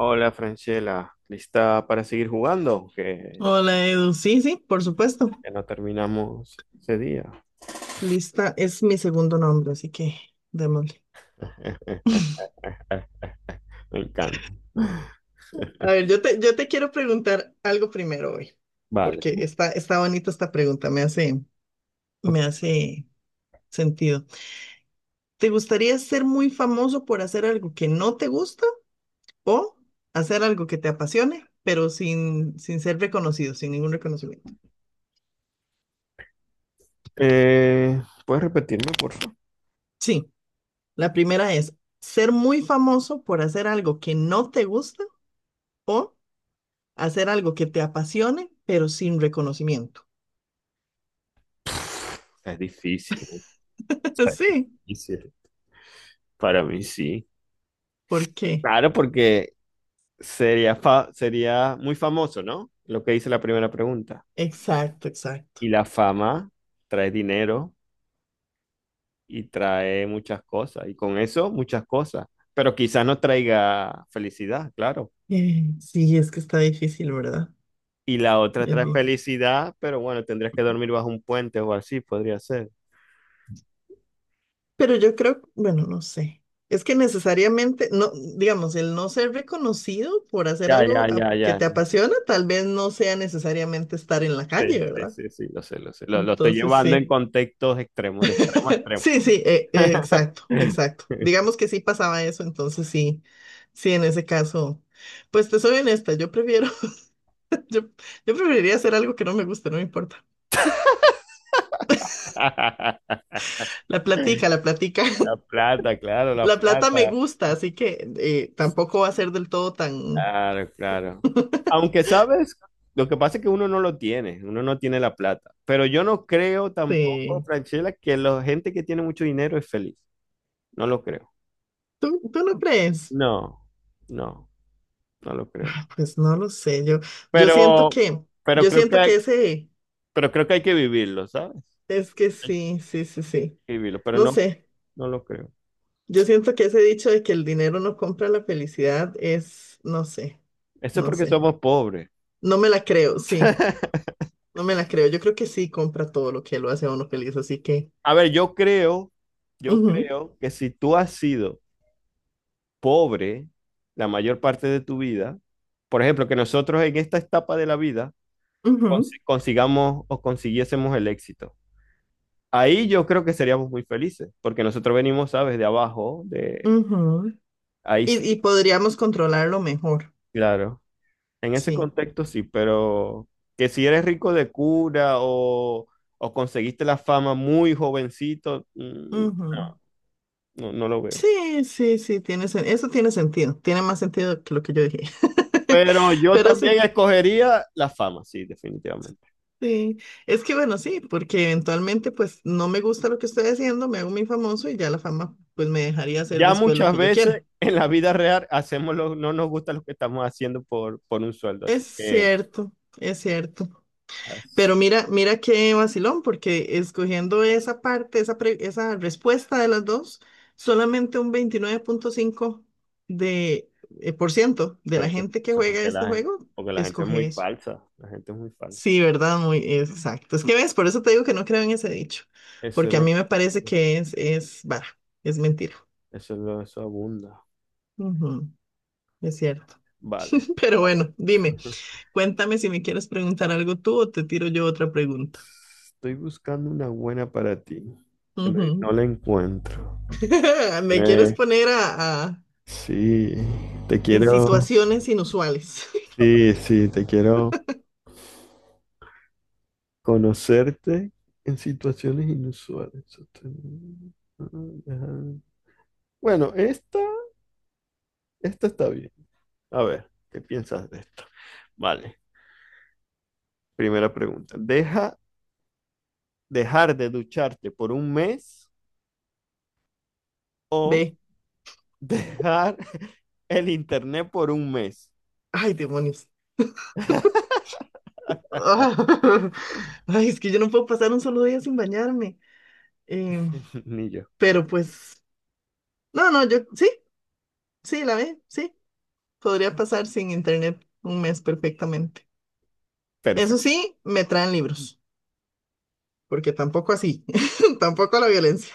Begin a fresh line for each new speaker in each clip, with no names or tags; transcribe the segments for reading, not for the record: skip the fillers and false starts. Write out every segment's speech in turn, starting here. Hola, Franchela, ¿lista para seguir jugando? Que
Hola Edu, sí, sí, por supuesto.
ya no terminamos ese día.
Lista es mi segundo nombre, así que démosle.
Me encanta.
A ver, yo te quiero preguntar algo primero hoy,
Vale.
porque está bonita esta pregunta,
Ok.
me hace sentido. ¿Te gustaría ser muy famoso por hacer algo que no te gusta o hacer algo que te apasione, pero sin ser reconocido, sin ningún reconocimiento?
¿Puedes repetirme, por favor?
Sí, la primera es ser muy famoso por hacer algo que no te gusta, o hacer algo que te apasione, pero sin reconocimiento.
Es
Sí,
difícil. Para mí sí.
¿por qué?
Claro, porque sería muy famoso, ¿no? Lo que hice la primera pregunta.
Exacto, exacto.
Y la fama trae dinero y trae muchas cosas. Y con eso, muchas cosas. Pero quizás no traiga felicidad, claro.
Sí, es que está difícil, ¿verdad?
Y la otra
Es
trae
di-
felicidad, pero bueno, tendrías que dormir bajo un puente o así, podría ser.
Pero yo creo, bueno, no sé. Es que necesariamente, no, digamos, el no ser reconocido por hacer
Ya, ya, ya, ya.
que te apasiona, tal vez no sea necesariamente estar en la calle,
Sí, sí,
¿verdad?
sí, sí, lo sé, lo sé. Lo estoy
Entonces,
llevando en
sí.
contextos extremos, de extremo a extremo.
Sí, sí, exacto, exacto. Digamos que sí pasaba eso, entonces sí, sí, en ese caso, pues te soy honesta, Yo, yo preferiría hacer algo que no me guste, no me importa. La platica, la platica.
La
La plata me
plata.
gusta, así que tampoco va a ser del todo tan...
Claro, claro. Aunque sabes, lo que pasa es que uno no lo tiene, uno no tiene la plata. Pero yo no creo tampoco,
eh,
Franchella, que la gente que tiene mucho dinero es feliz. No lo creo.
¿Tú, tú no crees?
No, no, no lo creo.
Pues no lo sé, yo siento
Pero,
que,
pero
yo
creo que
siento
hay,
que ese,
pero creo que hay que vivirlo, ¿sabes?
es que
Hay
sí, sí, sí, sí.
que vivirlo, pero
No
no,
sé,
no lo creo.
yo siento que ese dicho de que el dinero no compra la felicidad es, no sé,
Eso es
no
porque
sé.
somos pobres.
No me la creo, sí, no me la creo. Yo creo que sí compra todo lo que lo hace a uno feliz, así que...
A ver, yo
ujú,
creo que si tú has sido pobre la mayor parte de tu vida, por ejemplo, que nosotros en esta etapa de la vida
ujú.
consigamos o consiguiésemos el éxito. Ahí yo creo que seríamos muy felices, porque nosotros venimos, ¿sabes? De abajo, de
Ujú.
ahí sí,
Y podríamos controlarlo mejor.
claro. En ese
Sí.
contexto sí, pero que si eres rico de cura o conseguiste la fama muy jovencito,
Ujú.
no, no, no lo veo.
Sí, sí, sí, eso tiene sentido. Tiene más sentido que lo que yo dije.
Pero yo
Pero sí,
también escogería la fama, sí, definitivamente.
sí. Es que bueno, sí, porque eventualmente pues no me gusta lo que estoy haciendo, me hago muy famoso y ya la fama pues me dejaría hacer
Ya
después lo
muchas
que yo
veces
quiera.
en la vida real hacemos lo, no nos gusta lo que estamos haciendo por un sueldo,
Es
así que
cierto, es cierto.
as-
Pero mira, mira qué vacilón, porque escogiendo esa parte, esa respuesta de las dos, solamente un veintinueve punto cinco de, por ciento de
pero
la
eso,
gente que
eso
juega este juego
porque la gente es
escoge
muy
eso.
falsa, la gente es muy falsa.
Sí, ¿verdad? Muy exacto. Es que ves, por eso te digo que no creo en ese dicho,
Eso es
porque a mí
lo,
me parece que es vara, es mentira.
eso es lo, eso abunda.
Ujú, es cierto.
Vale.
Pero
A ver.
bueno, dime, cuéntame si me quieres preguntar algo tú o te tiro yo otra pregunta.
Estoy buscando una buena para ti, que no,
Ujú.
no la encuentro.
¿Me quieres
Eh,
poner a,
sí, te
en
quiero,
situaciones inusuales.
sí, sí, te quiero conocerte en situaciones inusuales. Bueno, esta está bien. A ver, ¿qué piensas de esto? Vale, primera pregunta. ¿ dejar de ducharte por un mes o
Ve,
dejar el internet por un mes?
ay, demonios. Ay, es que yo no puedo pasar un solo día sin bañarme. Em,
Ni yo.
pero pues, no, no, yo sí, sí. Podría pasar sin internet un mes perfectamente. Eso
Perfecto.
sí, me traen libros, porque tampoco así, tampoco la violencia.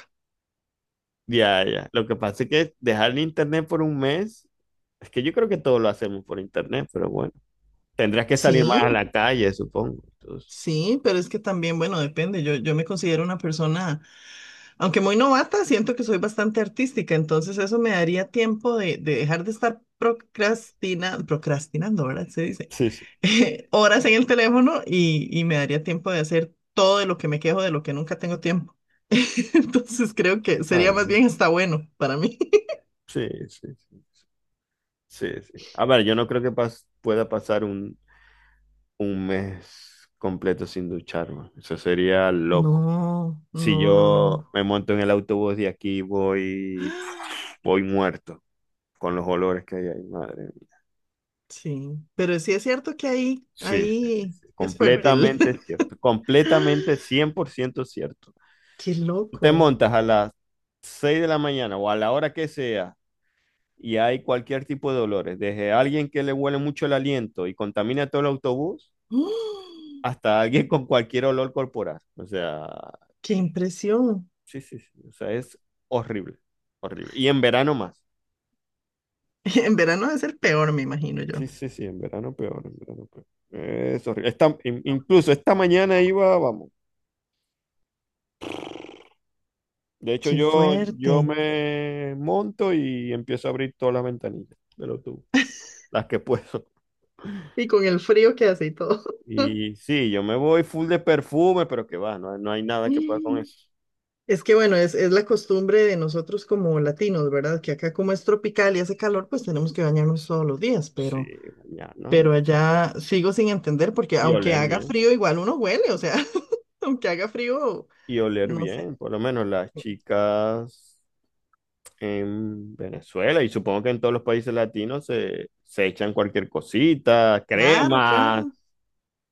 Ya, ya. Lo que pasa es que dejar el internet por un mes, es que yo creo que todos lo hacemos por internet, pero bueno, tendrás que salir
Sí.
más a la calle, supongo. Entonces,
Sí, pero es que también, bueno, depende. Yo me considero una persona, aunque muy novata, siento que soy bastante artística, entonces eso me daría tiempo de dejar de estar procrastinando, ¿verdad? Se dice,
sí, sí.
horas en el teléfono y me daría tiempo de hacer todo de lo que me quejo, de lo que nunca tengo tiempo. Entonces creo que sería
Ah,
más bien hasta bueno para mí.
sí, sí, sí, sí, sí. A ver, yo no creo que pueda pasar un mes completo sin ducharme. Eso sería loco.
No,
Si
no, no,
yo
no.
me monto en el autobús de aquí, voy, voy muerto con los olores que hay ahí, madre.
Sí, pero sí es cierto que ahí,
Sí, sí, sí,
ahí
sí.
es fuerte el...
Completamente cierto, completamente 100% cierto.
Qué
Te
loco.
montas a las 6 de la mañana o a la hora que sea y hay cualquier tipo de dolores, desde alguien que le huele mucho el aliento y contamina todo el autobús
¡Oh!
hasta alguien con cualquier olor corporal. O sea,
Qué impresión.
sí, sí, sí, o sea, es horrible, horrible. Y en verano más.
En verano debe ser peor, me imagino yo.
Sí, sí, sí, en verano peor, en verano peor. Es horrible. Incluso esta mañana iba, vamos. De hecho,
Qué fuerte.
yo me monto y empiezo a abrir todas las ventanillas de los tubos, las que puedo.
Y con el frío que hace y todo.
Y sí, yo me voy full de perfume, pero que va, no, hay no hay nada que pueda con
Mm.
eso.
Es que bueno, es la costumbre de nosotros como latinos, ¿verdad? Que acá como es tropical y hace calor, pues tenemos que bañarnos todos los días,
Sí, mañana
pero allá sigo sin entender porque
y
aunque
oler
haga
bien.
frío, igual uno huele, o sea, aunque haga frío,
Y oler
no sé.
bien, por lo menos las chicas en Venezuela y supongo que en todos los países latinos se echan cualquier cosita,
Claro,
crema,
claro.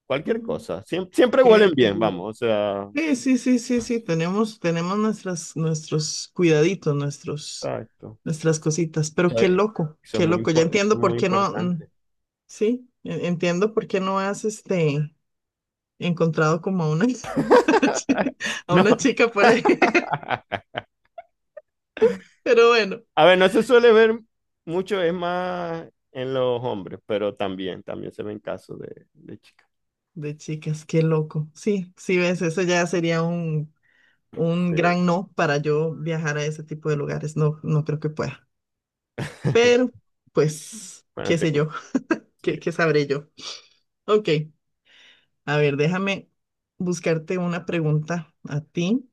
cualquier
Mm,
cosa. Siempre huelen
qué
bien,
duro.
vamos, o sea,
Sí, sí, sí, sí, sí, tenemos, tenemos nuestras, nuestros cuidaditos, nuestros,
exacto.
nuestras cositas, pero
Eso es
qué loco, ya
eso
entiendo
es
por
muy
qué no,
importante.
sí, entiendo por qué no has, encontrado como a una, a una
No.
chica por ahí, pero bueno,
A ver, no se suele ver mucho, es más en los hombres, pero también, también se ven casos de chicas.
de chicas, qué loco, sí, sí, ves, eso ya sería un
Sí.
gran no para yo viajar a ese tipo de lugares, no, no creo que pueda, pero, pues,
Bueno,
qué sé yo,
sí,
qué, qué sabré yo, ok. A ver, déjame buscarte una pregunta a ti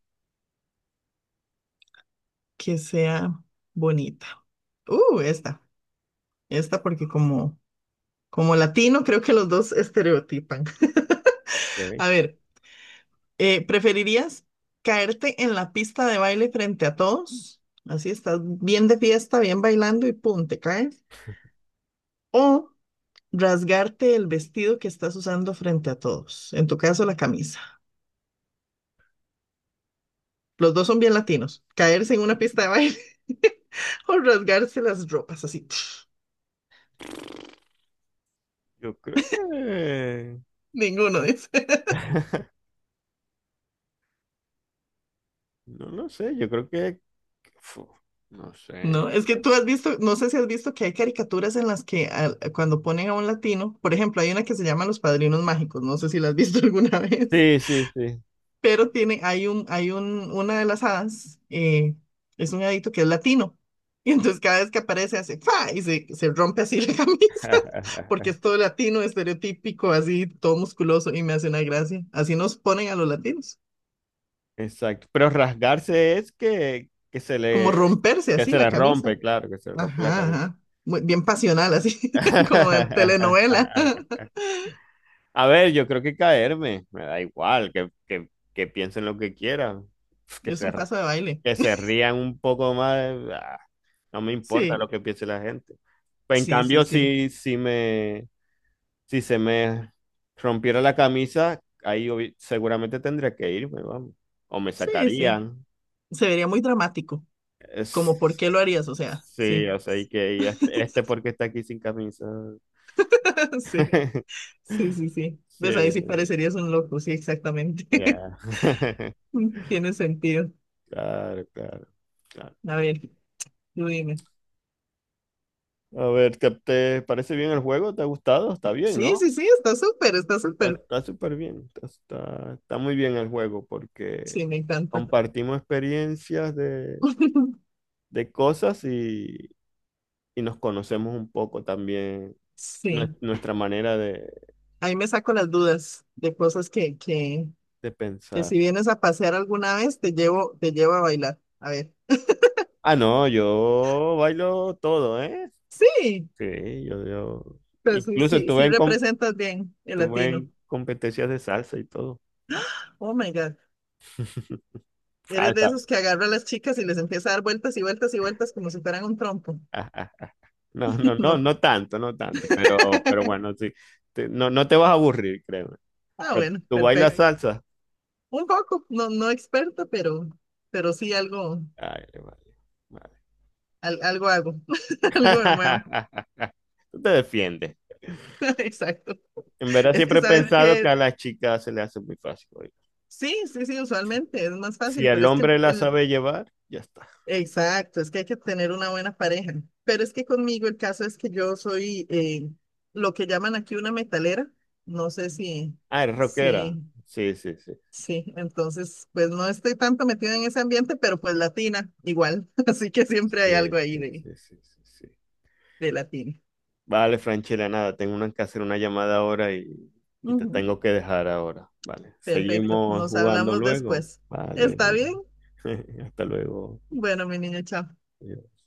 que sea bonita. Esta, esta porque como, como latino creo que los dos estereotipan.
ok.
A ver, ¿preferirías caerte en la pista de baile frente a todos? Así estás bien de fiesta, bien bailando y pum, te caes. ¿O rasgarte el vestido que estás usando frente a todos? En tu caso, la camisa. Los dos son bien latinos. Caerse en una pista de baile o rasgarse las ropas así. Pf,
Yo creo que,
ninguno dice.
no lo sé, yo creo que, fu, no sé.
No, es que tú has visto, no sé si has visto que hay caricaturas en las que cuando ponen a un latino, por ejemplo, hay una que se llama Los Padrinos Mágicos, no sé si la has visto alguna vez.
Sí, sí, sí.
Pero tiene, una de las hadas, es un hadito que es latino. Y entonces cada vez que aparece hace ¡fa! Y se rompe así la camisa, porque es todo latino, estereotípico, así, todo musculoso, y me hace una gracia. Así nos ponen a los latinos,
Exacto. Pero rasgarse es que,
como romperse
que
así
se
la
le
camisa.
rompe, claro, que se le rompe la
Ajá,
camisa.
ajá. Muy, bien pasional, así, como en telenovela.
A ver, yo creo que caerme, me da igual, que piensen lo que quieran, pf,
Es un paso de baile.
que se rían un poco más, ah, no me importa
Sí,
lo que piense la gente. Pues en
sí, sí,
cambio,
sí.
si se me rompiera la camisa, seguramente tendría que irme, vamos, o me
Sí, sí.
sacarían.
Se vería muy dramático.
Es-
Como, ¿por qué lo harías? O sea,
sí,
sí.
o sea, y este, este porque está aquí sin camisa.
Sí, sí, sí, sí.
Sí.
Pues ahí sí parecerías un loco, sí, exactamente.
Ya.
Tiene sentido.
Claro, claro, claro.
A ver, tú dime.
A ver, ¿te, te parece bien el juego? ¿Te ha gustado? Está bien,
Sí,
¿no?
sí, sí, está súper, está
Está
súper.
está súper bien. Está muy bien el juego porque
Sí, me encanta.
compartimos experiencias de cosas y nos conocemos un poco también
Sí,
nuestra manera
ahí me saco las dudas de cosas
de
que
pensar.
si vienes a pasear alguna vez, te llevo a bailar. A ver.
Ah, no, yo bailo todo, ¿eh?
Sí,
Sí, yo.
pues sí,
Incluso
sí,
tuve
sí
en, com-
representas bien el
tuve
latino.
en competencias de salsa y todo.
Oh my God.
Ah,
Eres de esos que agarra a las chicas y les empieza a dar vueltas y vueltas y vueltas como si fueran un trompo.
No, no, no,
No.
no tanto, no tanto, pero bueno, sí. No, no te vas a aburrir, créeme.
Ah,
Pero
bueno,
tú bailas Ok.
perfecto.
salsa.
Un poco, no, no experta, pero sí algo,
Ay, vale, vale.
algo hago, algo me muevo.
Tú te defiendes.
Exacto.
En verdad
Es que
siempre he
sabes
pensado que
que
a las chicas se le hace muy fácil. Oye.
sí, sí, sí, usualmente es más
Si
fácil,
el
pero es que
hombre la sabe llevar, ya está.
exacto, es que hay que tener una buena pareja. Pero es que conmigo el caso es que yo soy lo que llaman aquí una metalera. No sé si,
Ah, es rockera.
sí.
Sí, sí, sí.
Sí, entonces, pues no estoy tanto metida en ese ambiente, pero pues latina, igual. Así que siempre hay
Sí,
algo ahí
sí, sí, sí, sí, sí.
de latina.
Vale, Franchela, nada, que hacer una llamada ahora y te
Ujú.
tengo que dejar ahora. Vale,
Perfecto,
seguimos
nos
jugando
hablamos
luego.
después. ¿Está
Vale,
bien?
hasta luego.
Bueno, mi niño, chao.
Adiós.